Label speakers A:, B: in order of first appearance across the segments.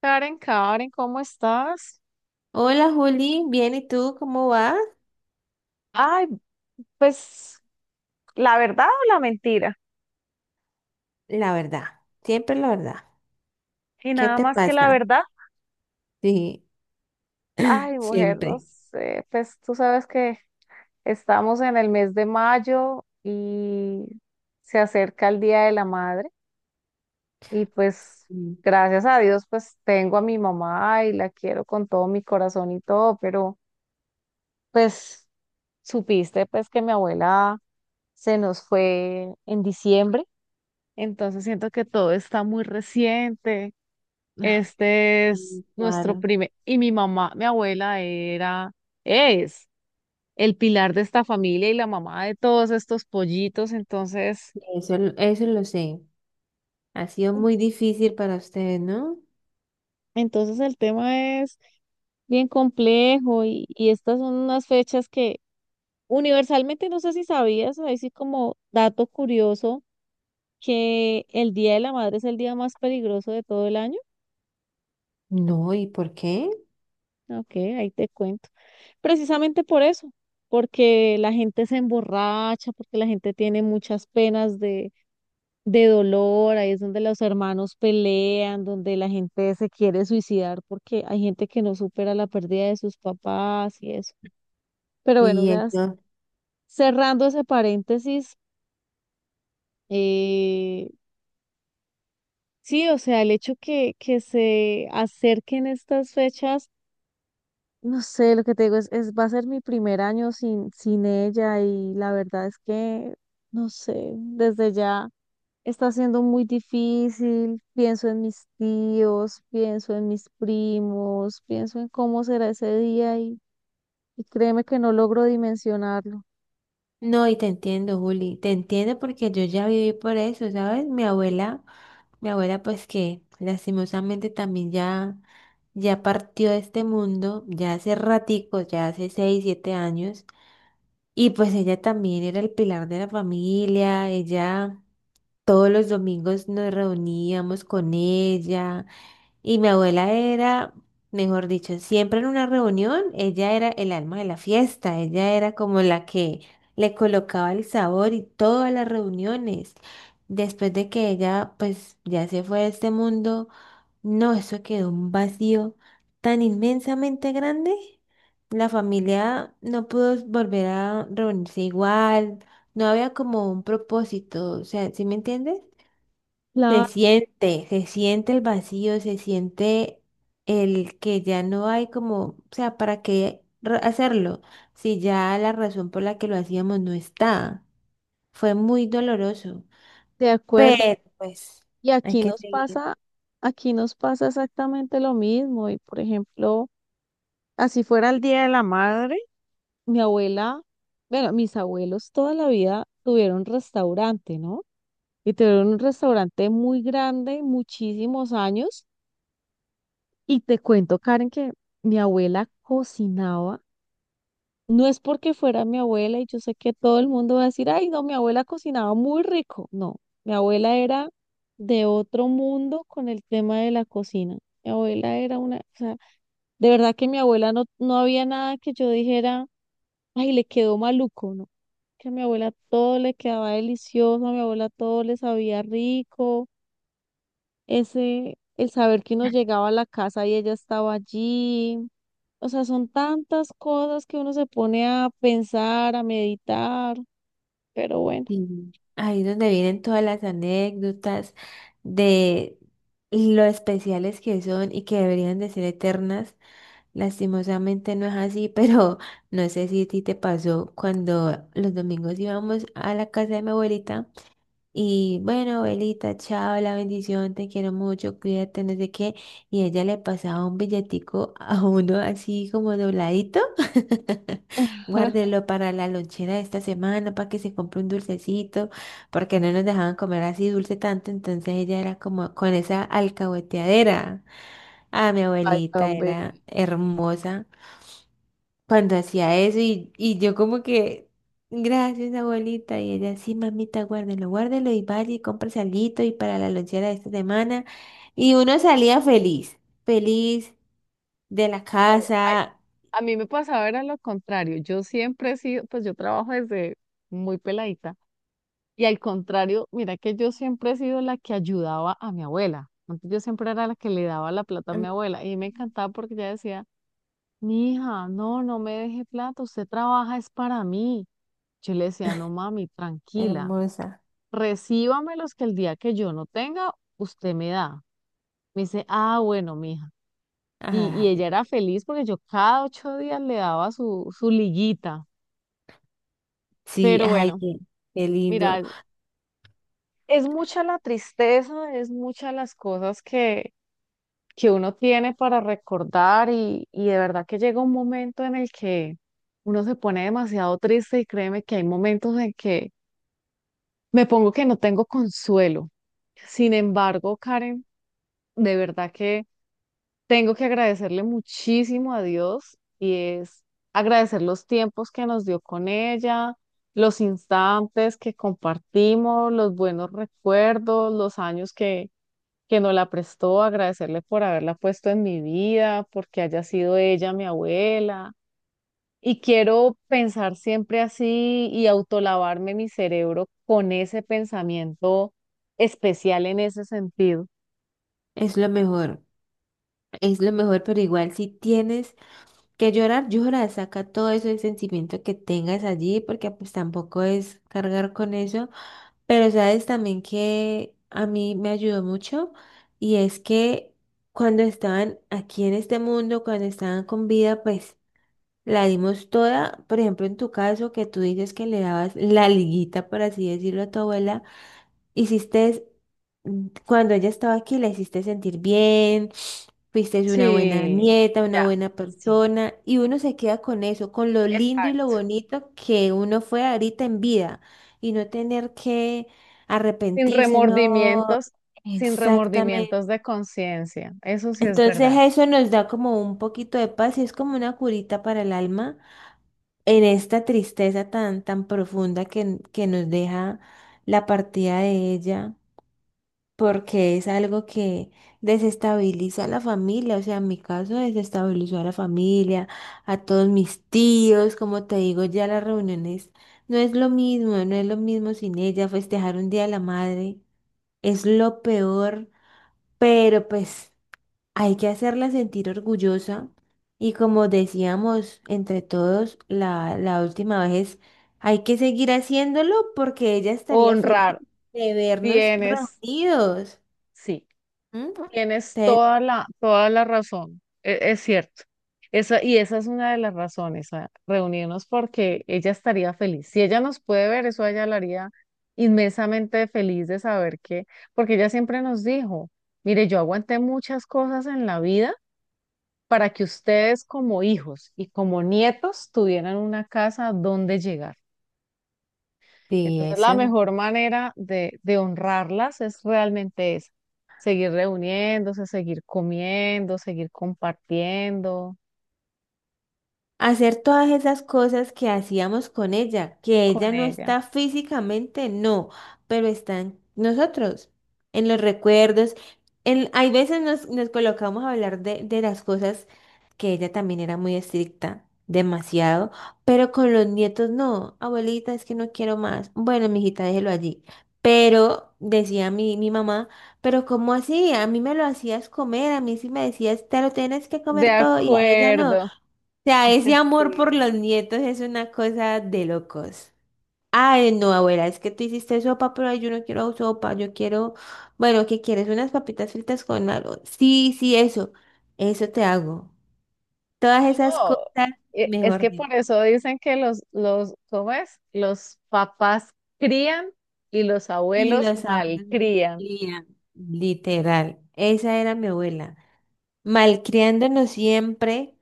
A: Karen, Karen, ¿cómo estás?
B: Hola Juli, bien, ¿y tú cómo vas?
A: Ay, pues la verdad o la mentira.
B: La verdad, siempre la verdad.
A: Y
B: ¿Qué
A: nada
B: te
A: más que la
B: pasa?
A: verdad.
B: Sí,
A: Ay, mujer, no
B: siempre.
A: sé, pues tú sabes que estamos en el mes de mayo y se acerca el Día de la Madre y pues
B: Mm.
A: gracias a Dios pues tengo a mi mamá y la quiero con todo mi corazón y todo, pero pues supiste pues que mi abuela se nos fue en diciembre. Entonces siento que todo está muy reciente. Este es
B: Mm,
A: nuestro
B: claro,
A: primer, y mi mamá, mi abuela era, es el pilar de esta familia y la mamá de todos estos pollitos. Entonces,
B: eso lo sé. Ha sido muy difícil para ustedes, ¿no?
A: entonces el tema es bien complejo y estas son unas fechas que universalmente no sé si sabías, ahí sí como dato curioso, que el Día de la Madre es el día más peligroso de todo el año.
B: No, ¿y por qué?
A: Ok, ahí te cuento. Precisamente por eso, porque la gente se emborracha, porque la gente tiene muchas penas de dolor, ahí es donde los hermanos pelean, donde la gente se quiere suicidar, porque hay gente que no supera la pérdida de sus papás y eso. Pero bueno,
B: Y eso.
A: cerrando ese paréntesis, eh, sí, o sea, el hecho que se acerquen estas fechas. No sé, lo que te digo va a ser mi primer año sin ella y la verdad es que, no sé, desde ya está siendo muy difícil. Pienso en mis tíos, pienso en mis primos, pienso en cómo será ese día y créeme que no logro dimensionarlo.
B: No, y te entiendo, Juli, te entiendo porque yo ya viví por eso, ¿sabes? Mi abuela pues que lastimosamente también ya, ya partió de este mundo, ya hace ratico, ya hace 6, 7 años. Y pues ella también era el pilar de la familia, ella todos los domingos nos reuníamos con ella y mi abuela era, mejor dicho, siempre en una reunión, ella era el alma de la fiesta, ella era como la que le colocaba el sabor y todas las reuniones. Después de que ella pues ya se fue de este mundo. No, eso quedó un vacío tan inmensamente grande. La familia no pudo volver a reunirse igual, no había como un propósito, o sea, ¿sí me entiendes?
A: Claro,
B: Se siente el vacío, se siente el que ya no hay como, o sea, ¿para qué hacerlo? Si ya la razón por la que lo hacíamos no está. Fue muy doloroso,
A: de acuerdo.
B: pero pues
A: Y
B: hay que seguir.
A: aquí nos pasa exactamente lo mismo. Y por ejemplo, así fuera el Día de la Madre. Mi abuela, bueno, mis abuelos toda la vida tuvieron restaurante, ¿no? Y tuvieron un restaurante muy grande, muchísimos años. Y te cuento, Karen, que mi abuela cocinaba. No es porque fuera mi abuela y yo sé que todo el mundo va a decir, ay, no, mi abuela cocinaba muy rico. No, mi abuela era de otro mundo con el tema de la cocina. Mi abuela era una, o sea, de verdad que mi abuela no había nada que yo dijera, ay, le quedó maluco, ¿no? Que a mi abuela todo le quedaba delicioso, a mi abuela todo le sabía rico, ese, el saber que uno llegaba a la casa y ella estaba allí. O sea, son tantas cosas que uno se pone a pensar, a meditar, pero bueno.
B: Sí, ahí es donde vienen todas las anécdotas de lo especiales que son y que deberían de ser eternas. Lastimosamente no es así, pero no sé si a ti te pasó cuando los domingos íbamos a la casa de mi abuelita y bueno, abuelita, chao, la bendición, te quiero mucho, cuídate, no sé qué, y ella le pasaba un billetico a uno así como dobladito.
A: Ajá.
B: Guárdelo para la lonchera de esta semana, para que se compre un dulcecito, porque no nos dejaban comer así dulce tanto, entonces ella era como con esa alcahueteadera. Ah, mi
A: Ay,
B: abuelita
A: tan
B: era
A: bello.
B: hermosa cuando hacía eso y yo como que, gracias abuelita, y ella, sí, mamita, guárdelo, guárdelo y vaya y compre salito y para la lonchera de esta semana. Y uno salía feliz, feliz de la
A: No, ay,
B: casa,
A: a mí me pasaba era lo contrario. Yo siempre he sido, pues yo trabajo desde muy peladita. Y al contrario, mira que yo siempre he sido la que ayudaba a mi abuela. Antes yo siempre era la que le daba la plata a
B: mm,
A: mi abuela y me encantaba porque ella decía, mi hija, no, no me deje plata, usted trabaja es para mí. Yo le decía, no mami, tranquila,
B: hermosa.
A: recíbamelos que el día que yo no tenga, usted me da. Me dice, ah, bueno, mija. Y
B: Ay.
A: ella era feliz porque yo cada 8 días le daba su liguita.
B: Sí,
A: Pero
B: ay,
A: bueno,
B: qué lindo.
A: mira, es mucha la tristeza, es muchas las cosas que uno tiene para recordar y de verdad que llega un momento en el que uno se pone demasiado triste y créeme que hay momentos en que me pongo que no tengo consuelo. Sin embargo, Karen, de verdad que tengo que agradecerle muchísimo a Dios y es agradecer los tiempos que nos dio con ella, los instantes que compartimos, los buenos recuerdos, los años que nos la prestó, agradecerle por haberla puesto en mi vida, porque haya sido ella mi abuela. Y quiero pensar siempre así y autolavarme mi cerebro con ese pensamiento especial en ese sentido.
B: Es lo mejor, es lo mejor, pero igual si tienes que llorar, llora, saca todo eso ese sentimiento que tengas allí, porque pues tampoco es cargar con eso. Pero sabes también que a mí me ayudó mucho y es que cuando estaban aquí en este mundo, cuando estaban con vida, pues la dimos toda. Por ejemplo, en tu caso, que tú dices que le dabas la liguita, por así decirlo, a tu abuela. Hiciste, cuando ella estaba aquí, la hiciste sentir bien, fuiste una buena
A: Sí,
B: nieta, una
A: mira,
B: buena
A: sí,
B: persona, y uno se queda con eso, con lo lindo y lo
A: exacto.
B: bonito que uno fue ahorita en vida, y no tener que
A: Sin
B: arrepentirse, no,
A: remordimientos, sin
B: exactamente.
A: remordimientos de conciencia. Eso sí es
B: Entonces
A: verdad.
B: eso nos da como un poquito de paz y es como una curita para el alma en esta tristeza tan, tan profunda que nos deja la partida de ella porque es algo que desestabiliza a la familia, o sea, en mi caso desestabilizó a la familia, a todos mis tíos, como te digo, ya las reuniones no es lo mismo, no es lo mismo sin ella, festejar un día de la madre es lo peor, pero pues hay que hacerla sentir orgullosa y como decíamos entre todos la última vez, hay que seguir haciéndolo porque ella estaría feliz
A: Honrar,
B: de vernos
A: tienes,
B: reunidos.
A: sí.
B: Ujú.
A: Tienes
B: Sí,
A: toda toda la razón, es, cierto. Esa, y esa es una de las razones, a reunirnos porque ella estaría feliz. Si ella nos puede ver, eso a ella la haría inmensamente feliz de saber que, porque ella siempre nos dijo, mire, yo aguanté muchas cosas en la vida para que ustedes como hijos y como nietos tuvieran una casa donde llegar.
B: sí,
A: Entonces, la
B: eso.
A: mejor manera de honrarlas es realmente esa, seguir reuniéndose, seguir comiendo, seguir compartiendo
B: Hacer todas esas cosas que hacíamos con ella, que
A: con
B: ella no
A: ella.
B: está físicamente, no, pero están nosotros, en los recuerdos. Hay veces nos colocamos a hablar de las cosas que ella también era muy estricta, demasiado, pero con los nietos no, abuelita, es que no quiero más. Bueno, mijita, déjelo allí. Pero, decía mi mamá, pero ¿cómo así? A mí me lo hacías comer, a mí sí me decías, te lo tienes que
A: De
B: comer todo y a ella no
A: acuerdo.
B: sea, ese amor por
A: Sí.
B: los nietos es una cosa de locos. Ay, no, abuela, es que tú hiciste sopa, pero ay, yo no quiero sopa, yo quiero, bueno, ¿qué quieres? Unas papitas fritas con algo. Sí, sí, eso te hago. Todas
A: No,
B: esas
A: no,
B: cosas,
A: e- Es
B: mejor
A: que
B: dicho.
A: por eso dicen que ¿cómo es? Los papás crían y los
B: Y
A: abuelos
B: los sabores me
A: malcrían.
B: encantarían, literal. Esa era mi abuela. Malcriándonos siempre,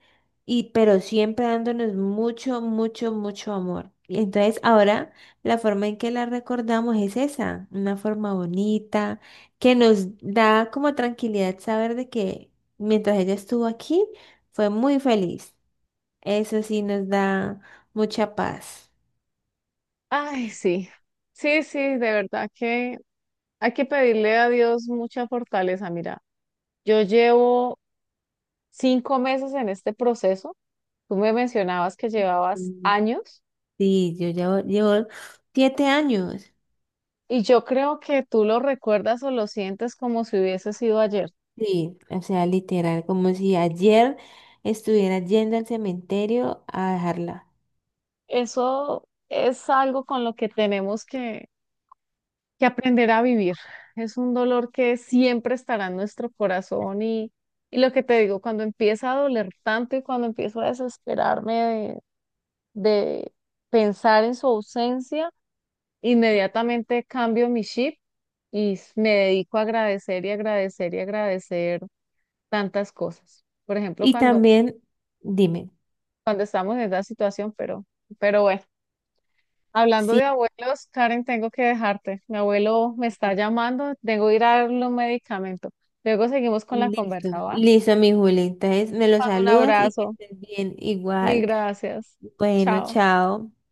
B: y, pero siempre dándonos mucho, mucho, mucho amor. Y entonces ahora la forma en que la recordamos es esa, una forma bonita, que nos da como tranquilidad saber de que mientras ella estuvo aquí, fue muy feliz. Eso sí nos da mucha paz.
A: Ay, sí, sí, sí, de verdad que hay que pedirle a Dios mucha fortaleza. Mira, yo llevo 5 meses en este proceso. Tú me mencionabas que llevabas
B: Mm.
A: años
B: Sí, yo llevo 7 años.
A: y yo creo que tú lo recuerdas o lo sientes como si hubiese sido ayer.
B: Sí, o sea, literal, como si ayer estuviera yendo al cementerio a dejarla.
A: Eso es algo con lo que tenemos que aprender a vivir. Es un dolor que siempre estará en nuestro corazón y lo que te digo, cuando empieza a doler tanto y cuando empiezo a desesperarme de de pensar en su ausencia, inmediatamente cambio mi chip y me dedico a agradecer y agradecer y agradecer tantas cosas. Por ejemplo,
B: Y también, dime,
A: cuando estamos en esa situación, pero bueno, hablando de
B: sí,
A: abuelos, Karen, tengo que dejarte. Mi abuelo me está llamando, tengo que ir a darle un medicamento. Luego seguimos con la
B: listo,
A: conversa, ¿va?
B: listo, mi Juli. Entonces, me lo
A: Mando un
B: saludas y que
A: abrazo,
B: estés bien,
A: mil
B: igual.
A: gracias.
B: Bueno,
A: Chao.
B: chao.